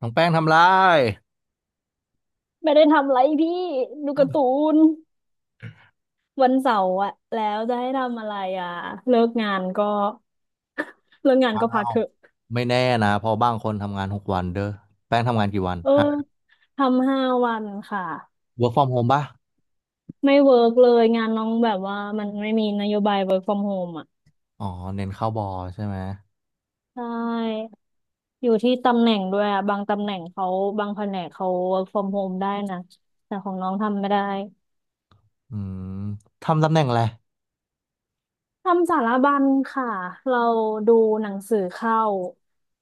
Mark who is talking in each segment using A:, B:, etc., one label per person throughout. A: น้องแป้งทำไร
B: ไม่ได้ทำอะไรพี่ดูการ์ตูนวันเสาร์อะแล้วจะให้ทำอะไรอะเลิกงานก็ เลิกงาน
A: เอ้า
B: ก็พักเถอะ
A: ไม่แน่นะเพอบางคนทำงานหกวันเด้อแป้งทำงานกี่วัน
B: เออ
A: ฮะ
B: ทำห้าวันค่ะ
A: work from home ป่ะ
B: ไม่เวิร์กเลยงานน้องแบบว่ามันไม่มีนโยบาย work from home อ่ะ
A: อ๋อเน้นเข้าบอใช่ไหม
B: ใช่อยู่ที่ตำแหน่งด้วยอะบางตำแหน่งเขาบางแผนกเขา work from home ได้นะแต่ของน้องทำไม่ได้
A: อืมทำตำแหน่งอะไร
B: ทำสารบัญค่ะเราดูหนังสือเข้า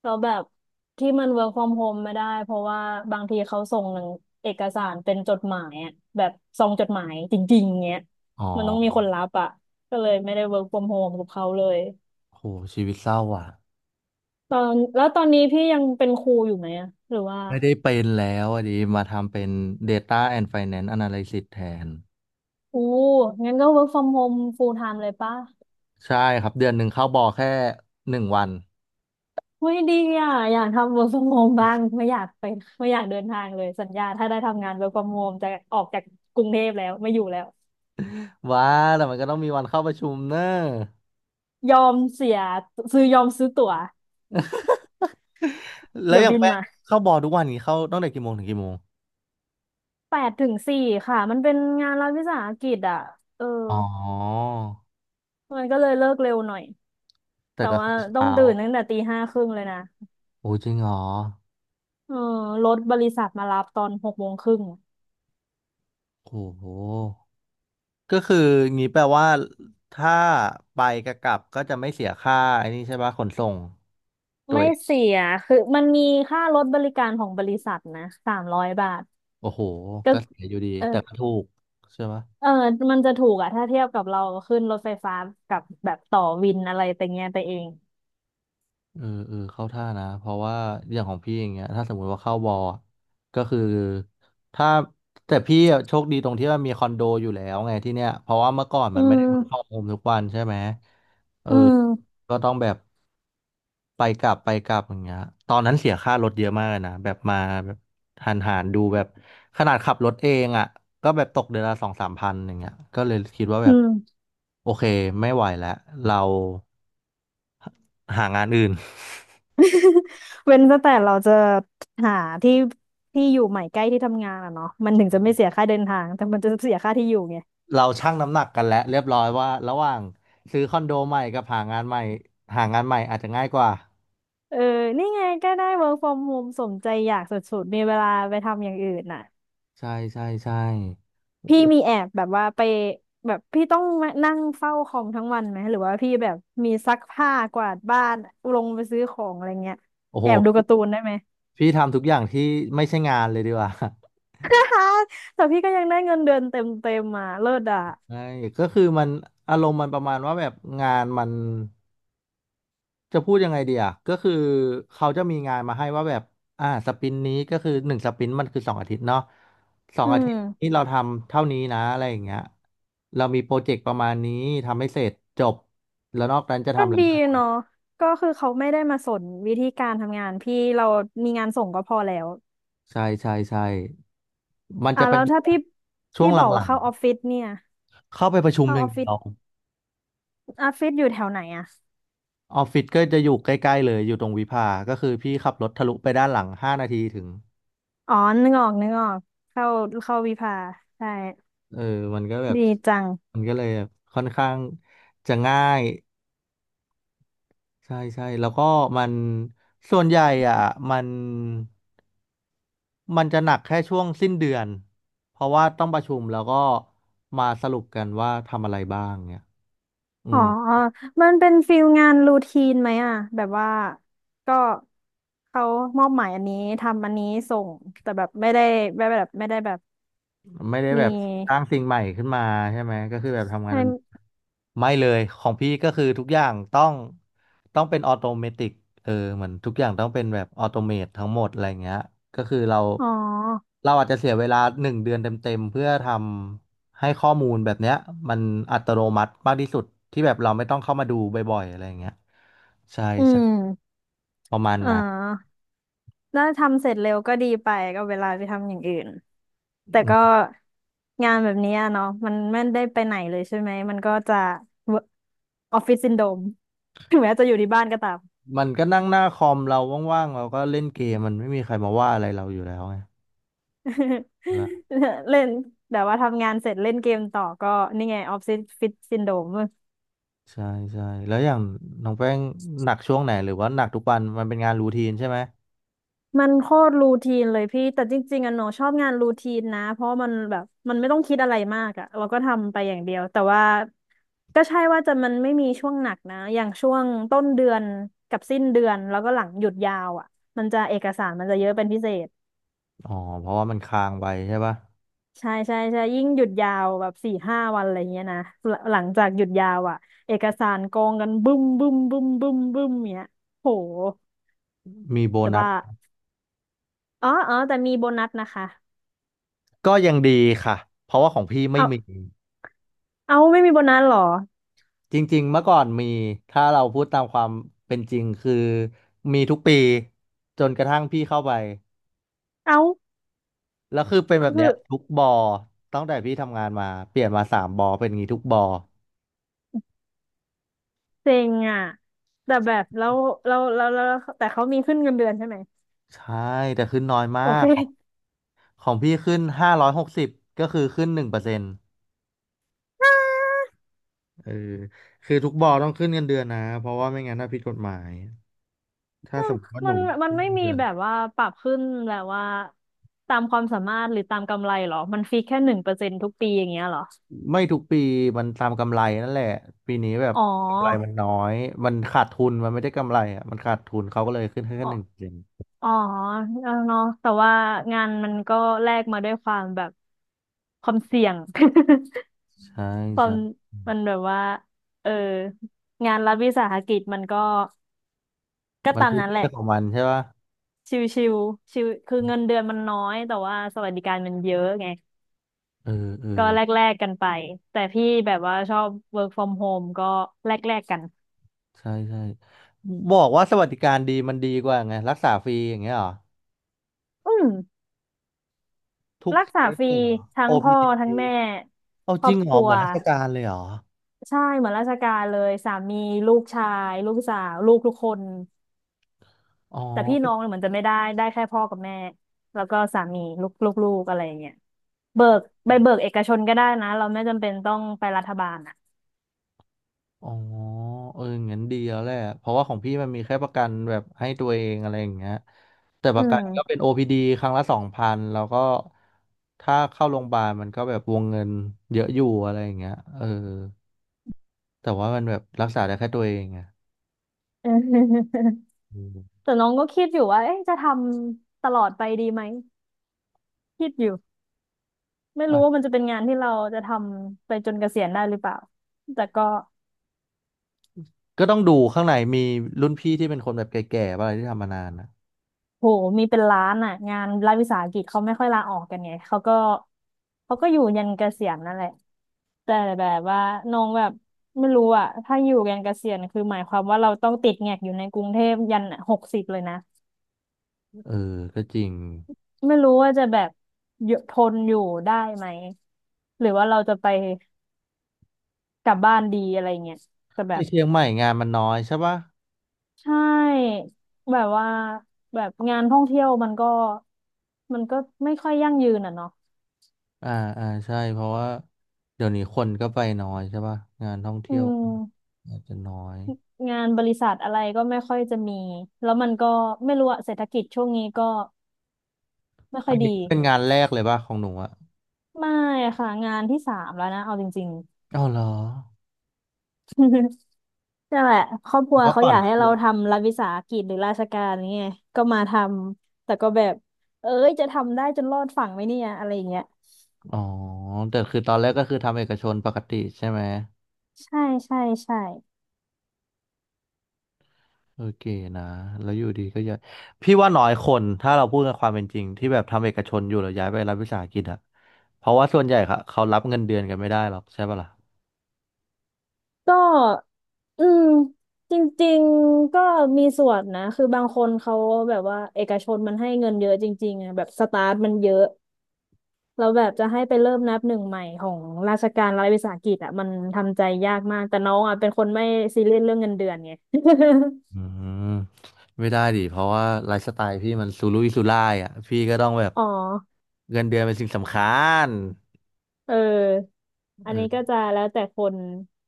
B: เราแบบที่มัน work from home ไม่ได้เพราะว่าบางทีเขาส่งหนังเอกสารเป็นจดหมายอะแบบซองจดหมายจริงๆเงี้ย
A: อ๋
B: มันต้องมีค
A: อ
B: นรับอ่ะก็เลยไม่ได้ work from home กับเขาเลย
A: โหชีวิตเศร้าอ่ะ
B: ตอนแล้วตอนนี้พี่ยังเป็นครูอยู่ไหมอะหรือว่า
A: ไม่ได้เป็นแล้วอ่ะดิมาทำเป็น Data and Finance Analysis แทน
B: อู้งั้นก็ work from home full time เลยปะ
A: ใช่ครับ เดือนหนึ่งเข้าบอแค่หนึ่งวัน
B: เฮ้ยดีอ่ะอยากทำ work from home บ้างไม่อยากไปไม่อยากเดินทางเลยสัญญาถ้าได้ทำงาน work from home จะออกจากกรุงเทพแล้วไม่อยู่แล้ว
A: ว้าแต่มันก็ต้องมีวันเข้าประชุมเนอะ
B: ยอมเสียยอมซื้อตั๋ว
A: แล้ว
B: เดี๋ยว
A: อย่าง
B: บิน
A: แป้ง
B: มา
A: เข้าบอทุกวันนี้เข้าตั้งแต่กี่โมงถึงกี่โมง
B: แปดถึงสี่ค่ะมันเป็นงานรัฐวิสาหกิจอ่ะเออ
A: อ๋อ
B: มันก็เลยเลิกเร็วหน่อย
A: แต่
B: แต่
A: ก็
B: ว่า
A: เข้า
B: ต้อง
A: เช้า
B: ตื่นตั้งแต่ตีห้าครึ่งเลยนะ
A: โอ้จริงเหรอ
B: เออรถบริษัทมารับตอนหกโมงครึ่ง
A: โอ้โหก็คืองี้แปลว่าถ้าไปกับกลับก็จะไม่เสียค่าไอ้นี่ใช่ปะขนส่งตัว
B: ไม่
A: เอง
B: เสียคือมันมีค่ารถบริการของบริษัทนะ300 บาท
A: โอ้โห
B: ก็
A: ก็เสียอยู่ดี
B: เออ
A: แต่ก็ถูกใช่ไหม
B: เออมันจะถูกอะถ้าเทียบกับเราขึ้นรถไฟฟ้ากับแบบต่อวินอะไรแต่เงี้ยไปเอง
A: เออเออเข้าท่านะเพราะว่าอย่างของพี่อย่างเงี้ยถ้าสมมุติว่าเข้าบอลอะก็คือถ้าแต่พี่อะโชคดีตรงที่ว่ามีคอนโดอยู่แล้วไงที่เนี้ยเพราะว่าเมื่อก่อน
B: อื
A: มันไม่ได้เวิร์กอร
B: ม
A: โฮมทุกวันใช่ไหมเออ
B: อืม
A: ก็ต้องแบบไปกลับไปกลับอย่างเงี้ยตอนนั้นเสียค่ารถเยอะมากเลยนะแบบมาแบบหันหันดูแบบขนาดขับรถเองอ่ะก็แบบตกเดือนละสองสามพันอย่างเงี้ยก็เลยคิดว่าแบ
B: อื
A: บ
B: ม
A: โอเคไม่ไหวแล้วเราหางานอื่น
B: เว้นแต่เราจะหาที่ที่อยู่ใหม่ใกล้ที่ทำงานอะเนาะมันถึงจะไม่เสียค่าเดินทางแต่มันจะเสียค่าที่อยู่ไง
A: เราชั่งน้ำหนักกันแล้วเรียบร้อยว่าระหว่างซื้อคอนโดใหม่กับหางานใหม่หางานใหม่อาจจะง่ายกว่า
B: เออนี่ไงก็ได้ work from home สมใจอยากสุดๆมีเวลาไปทำอย่างอื่นน่ะ
A: ใช่ใช่ใช่
B: พี่มีแอบแบบว่าไปแบบพี่ต้องมานั่งเฝ้าคอมทั้งวันไหมหรือว่าพี่แบบมีซักผ้ากวาดบ้านลงไปซื้อของอะไรเงี้ย
A: โอ้โห
B: แอบดูการ์ตูนได้ไหม
A: พี่ทำทุกอย่างที่ไม่ใช่งานเลยดีกว่า
B: แต่พี่ก็ยังได้เงินเดือนเต็มเต็มมาเลิศอ่ะ
A: ใช่ก็คือมันอารมณ์มันประมาณว่าแบบงานมันจะพูดยังไงดีอ่ะก็คือเขาจะมีงานมาให้ว่าแบบสปรินต์นี้ก็คือหนึ่งสปรินต์มันคือสองอาทิตย์เนาะสอง
B: อื
A: อาทิ
B: ม
A: ตย์นี้เราทำเท่านี้นะอะไรอย่างเงี้ยเรามีโปรเจกต์ประมาณนี้ทำให้เสร็จจบแล้วนอกนั้นจะ
B: ก็
A: ทำอะไร
B: ดีเนาะก็คือเขาไม่ได้มาสนวิธีการทำงานพี่เรามีงานส่งก็พอแล้ว
A: ใช่ใช่ใช่มัน
B: อ่ะ
A: จะเป็
B: แล้
A: น
B: วถ้า
A: แบ
B: พี่
A: บช่ว
B: พี่
A: งห
B: บอกว่า
A: ลัง
B: เข้าออฟฟิศเนี่ย
A: ๆ เข้าไปประชุม
B: เข้า
A: อ
B: อ
A: ย่าง
B: อฟ
A: เดี
B: ฟิ
A: ย
B: ศ
A: ว
B: ออฟฟิศอยู่แถวไหนอ่ะ
A: ออฟฟิศก็จะอยู่ใกล้ๆเลยอยู่ตรงวิภา ก็คือพี่ขับรถทะลุไปด้านหลังห้านาทีถึง
B: อ๋อนึกออกนึกออกเข้าเข้าวิภาใช่
A: เออมันก็แบบ
B: ดีจัง
A: มันก็เลยแบบค่อนข้างจะง่ายใช่ใช่แล้วก็มันส่วนใหญ่อ่ะมันมันจะหนักแค่ช่วงสิ้นเดือนเพราะว่าต้องประชุมแล้วก็มาสรุปกันว่าทำอะไรบ้างเนี่ยอื
B: อ๋อ
A: ม
B: มันเป็นฟิลงานรูทีนไหมอ่ะแบบว่าก็เขามอบหมายอันนี้ทำอันนี้ส่ง แต่แบบไม่ได้ไม่แบบไม่ได้แบบ
A: ไม่ได้
B: มี
A: แบบสร้างสิ่งใหม่ขึ้นมาใช่ไหมก็คือแบบทำงาน
B: ให้
A: เดิมไม่เลยของพี่ก็คือทุกอย่างต้องเป็นออโตเมติกเออเหมือนทุกอย่างต้องเป็นแบบออโตเมตทั้งหมดอะไรเงี้ยก็คือเรา
B: อ๋อ
A: เราอาจจะเสียเวลาหนึ่งเดือนเต็มๆเพื่อทำให้ข้อมูลแบบเนี้ยมันอัตโนมัติมากที่สุดที่แบบเราไม่ต้องเข้ามาดูบ่อยๆอะไรเงี้ยใช่
B: อื
A: ใช่
B: ม
A: ประมาณ
B: เออ
A: นั้น
B: แล้วทำเสร็จเร็วก็ดีไป ก็เวลาไปทำอย่างอื่น แต่
A: อืม
B: ก็งานแบบนี้อะเนาะมันไม่ได้ไปไหนเลยใช่ไหมมันก็จะออฟฟิศซินโดรมถึงแม้จะอยู่ที่บ้านก็ตาม
A: มันก็นั่งหน้าคอมเราว่างๆเราก็เล่นเกมมันไม่มีใครมาว่าอะไรเราอยู่แล้วไง
B: เล่นแต่ว่าทำงานเสร็จเล่นเกมต่อก็นี่ไงออฟฟิศซินโดม
A: ใช่ใช่แล้วอย่างน้องแป้งหนักช่วงไหนหรือว่าหนักทุกวันมันเป็นงานรูทีนใช่ไหม
B: มันโคตรรูทีนเลยพี่แต่จริงๆอะหนูชอบงานรูทีนนะเพราะมันแบบมันไม่ต้องคิดอะไรมากอะเราก็ทำไปอย่างเดียวแต่ว่าก็ใช่ว่าจะมันไม่มีช่วงหนักนะอย่างช่วงต้นเดือนกับสิ้นเดือนแล้วก็หลังหยุดยาวอะมันจะเอกสารมันจะเยอะเป็นพิเศษ
A: อ๋อเพราะว่ามันค้างไว้ใช่ปะ
B: ใช่ใช่ใช่ยิ่งหยุดยาวแบบ4-5 วันอะไรเงี้ยนะหลังจากหยุดยาวอ่ะเอกสารกองกันบึ้มบึ้มบึ้มบึ้มบึ้มเนี้ยโห
A: มีโบ
B: จะ
A: นัส
B: บ้าอ๋ออ๋อแต่มีโบนัสนะคะ
A: ก็ยังดีค่ะเพราะว่าของพี่ไม่
B: เอา
A: มี
B: เอาไม่มีโบนัสเหรอ
A: จริงๆเมื่อก่อนมีถ้าเราพูดตามความเป็นจริงคือมีทุกปีจนกระทั่งพี่เข้าไป
B: เอา
A: แล้วคือเป็นแบ
B: คื
A: บ
B: อ
A: เนี้ยทุกบอตั้งแต่พี่ทำงานมาเปลี่ยนมาสามบอเป็นอย่างงี้ทุกบอ
B: เซ็งอ่ะแต่แบบแล้วแล้วแต่เขามีขึ้นเงินเดือนใช่ไหม
A: ใช่แต่ขึ้นน้อยมา
B: โอเค
A: กของพี่ขึ้นห้าร้อยหกสิบก็คือขึ้นหนึ่งเปอร์เซ็นต์ เออคือทุกบอต้องขึ้นเงินเดือนนะเพราะว่าไม่งั้นถ้าผิดกฎหมายถ้าสมมติว่าห
B: มั
A: นู
B: นมัน
A: ขึ้น
B: ไม่
A: เงิน
B: มี
A: เดือน
B: แบบว่าปรับขึ้นแบบว่าตามความสามารถหรือตามกำไรเหรอมันฟิกแค่1%ทุกปีอย่างเงี้ยเหรอ
A: ไม่ทุกปีมันตามกำไรนั่นแหละปีนี้แบบ
B: อ๋
A: กำไรมันน้อยมันขาดทุนมันไม่ได้กำไรอ่ะมันขาดทุนเขาก็เลยขึ้นให้
B: อ
A: แค่หนึ่งเปอร์เซ็นต์
B: อ๋อเออเนาะแต่ว่างานมันก็แลกมาด้วยความแบบความเสี่ยง
A: ใช่
B: ความ
A: ใช่
B: มันแบบว่า เออ งานรัฐวิสาหกิจมันก็ก็
A: มัน
B: ตาม
A: เรื
B: นั้นแหละ
A: ่องของมันใช่ปะ
B: ชิวชิวชิวคือเงินเดือนมันน้อย แต่ว่าสวัสดิการมันเยอะไง
A: เออเออ
B: ก็แลกแลกกันไป แต่พี่แบบว่าชอบ work from home ก็แลกแลกกัน
A: ใช่ใช่บอกว่าสวัสดิการดีมันดีกว่าไงรักษาฟรีอย่างเงี้ยเหรอ
B: อืม
A: ทุก
B: รัก
A: เค
B: ษา
A: ส
B: ฟรี
A: เลยเหรอ
B: ทั้งพ่อทั้ง
A: OPT
B: แม่
A: เอา
B: คร
A: จ
B: อ
A: ริ
B: บ
A: งเห
B: ค
A: รอ
B: รัว
A: เหมือนราชการเลยเหรอ
B: ใช่เหมือนราชการเลยสามีลูกชายลูกสาวลูกทุกคน
A: อ๋อ
B: แต่พี่น้องเนี่ยเหมือนจะไม่ได้ได้แค่พ่อกับแม่แล้วก็สามีลูกลูกลูกอะไรอย่างเงี้ยเบิกใบเบิกเอกชนก็ได้นะเราไม่จำเป็นต้องไปรัฐบาลอ่ะ
A: อ๋อเอองั้นดีแล้วแหละเพราะว่าของพี่มันมีแค่ประกันแบบให้ตัวเองอะไรอย่างเงี้ยแต่ป
B: อื
A: ระกัน
B: ม
A: ก็เป็น OPD ครั้งละสองพันแล้วก็ถ้าเข้าโรงพยาบาลมันก็แบบวงเงินเยอะอยู่อะไรอย่างเงี้ยเออแต่ว่ามันแบบรักษาได้แค่ตัวเองไง อืม
B: แต่น้องก็คิดอยู่ว่าเอ๊ะจะทำตลอดไปดีไหมคิดอยู่ไม่รู้ว่า
A: อ่ะ
B: มันจะเป็นงานที่เราจะทำไปจนเกษียณได้หรือเปล่าแต่ก็
A: ก็ต้องดูข้างในมีรุ่นพี่ที่เป็นคนแบบแก่ๆป่ะอะไรที่ทำมานานอ่ะ
B: โหมีเป็นล้านอ่ะงานรัฐวิสาหกิจเขาไม่ค่อยลาออกกันไงเขาก็อยู่ยันเกษียณนั่นแหละแต่แบบว่าน้องแบบไม่รู้อ่ะถ้าอยู่ยันเกษียณคือหมายความว่าเราต้องติดแงกอยู่ในกรุงเทพยัน60เลยนะ
A: เออก็จริง
B: ไม่รู้ว่าจะแบบอยู่ทนอยู่ได้ไหมหรือว่าเราจะไปกลับบ้านดีอะไรเงี้ยแต่แบ
A: ที่
B: บ
A: เชียงใหม่งานมันน้อยใช่ปะ
B: ใช่แบบว่าแบบงานท่องเที่ยวมันก็ไม่ค่อยยั่งยืนอ่ะเนาะ
A: อ่าอ่าใช่เพราะว่าเดี๋ยวนี้คนก็ไปน้อยใช่ป่ะงานท่อง
B: อื
A: เที่ยว
B: ม
A: อาจจะน้อย
B: งานบริษัทอะไรก็ไม่ค่อยจะมี แล้วมันก็ไม่รู้อะเศรษฐกิจช่วงนี้ก็ไม่ค่อ
A: อั
B: ย
A: น
B: ดี
A: นี้เป็นงานแรกเลยป่ะของหนูอะ
B: ไม่ค่ะงานที่สามแล้วนะเอาจริง
A: อ๋อเหรอ
B: ๆ นั่นแหละครอบค
A: แต่
B: รัว
A: ว่า
B: เขา
A: ก่อ
B: อ
A: น
B: ยากให้
A: คือ
B: เราทำรัฐวิสาหกิจหรือราชการนี่ไงก็มาทำแต่ก็แบบเอ้ยจะทำได้จนรอดฝั่งไหมเนี่ยอะไรอย่างเงี้ย
A: อ๋อแต่คือตอนแรกก็คือทำเอกชนปกติใช่ไหม
B: ใช่ใช่ใช่
A: โอเคนะแล้วอยู่ดีก็ย้ายพี่ว่าน้อยคนถ้าเราพูดกันความเป็นจริงที่แบบทำเอกชนอยู่แล้วย้ายไปรัฐวิสาหกิจอะเพราะว่าส่วนใหญ่ค่ะเขารับเงินเดือนกันไม่ได้หรอกใช่ป่ะล่ะ
B: ก็อืมจริงๆก็มีส่วนนะคือบางคนเขาแบบว่าเอกชนมันให้เงินเยอะจริงๆอะแบบสตาร์ทมันเยอะ เราแบบจะให้ไปเริ่มนับหนึ่งใหม่ของราชการรัฐวิสาหกิจอ่ะมันทำใจยากมากแต่น้องอ่ะเป็นคนไม่ซีเรียสเรื่องเงินเดือนไง
A: อืมไม่ได้ดิเพราะว่าไลฟ์สไตล์พี่มันสูรุ่ยสูร่ายอ่ะพี่ก็ต้องแบบ
B: อ๋อ
A: เงินเดือนเป็นสิ่งสำคัญ
B: เอออันนี้
A: เอ
B: ก็
A: อ
B: จะแล้วแต่คน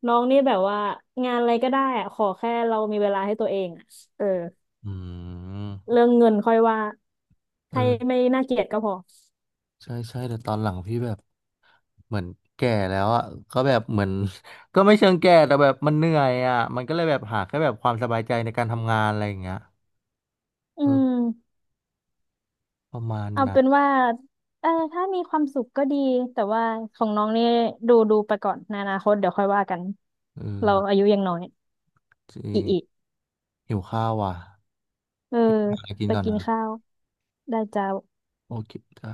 B: น้องนี่แบบว่างานอะไรก็ได้อ่ะขอแค่เรามีเวลาให้ตัวเองอะเออ
A: อืม
B: เรื่องเงินค่อยว่า
A: เอ
B: ให้
A: อ
B: ไม่น่าเกลียดก็พอ
A: ใช่ใช่แต่ตอนหลังพี่แบบเหมือนแก่แล้วอ่ะก็แบบเหมือน ก็ไม่เชิงแก่แต่แบบมันเหนื่อยอ่ะมันก็เลยแบบหาแค่แบบความสบายใจในการทำงานอะไรอย่างเงี้ย
B: อื
A: เออ
B: ม
A: ประมาณ
B: เอา
A: นั้น
B: เป็นว่าเออถ้ามีความสุขก็ดีแต่ว่าของน้องนี่ดูไปก่อนในอนาคตเดี๋ยวค่อยว่ากัน
A: เอ
B: เรา
A: อ
B: อายุยังน้อย
A: จริ
B: อี
A: ง
B: กอี
A: หิวข้าวว่ะ
B: เออ
A: พี่หาอะไรกิน
B: ไป
A: ก่อน
B: กิน
A: นะ
B: ข้าวได้จ้าว
A: โอเคจ้า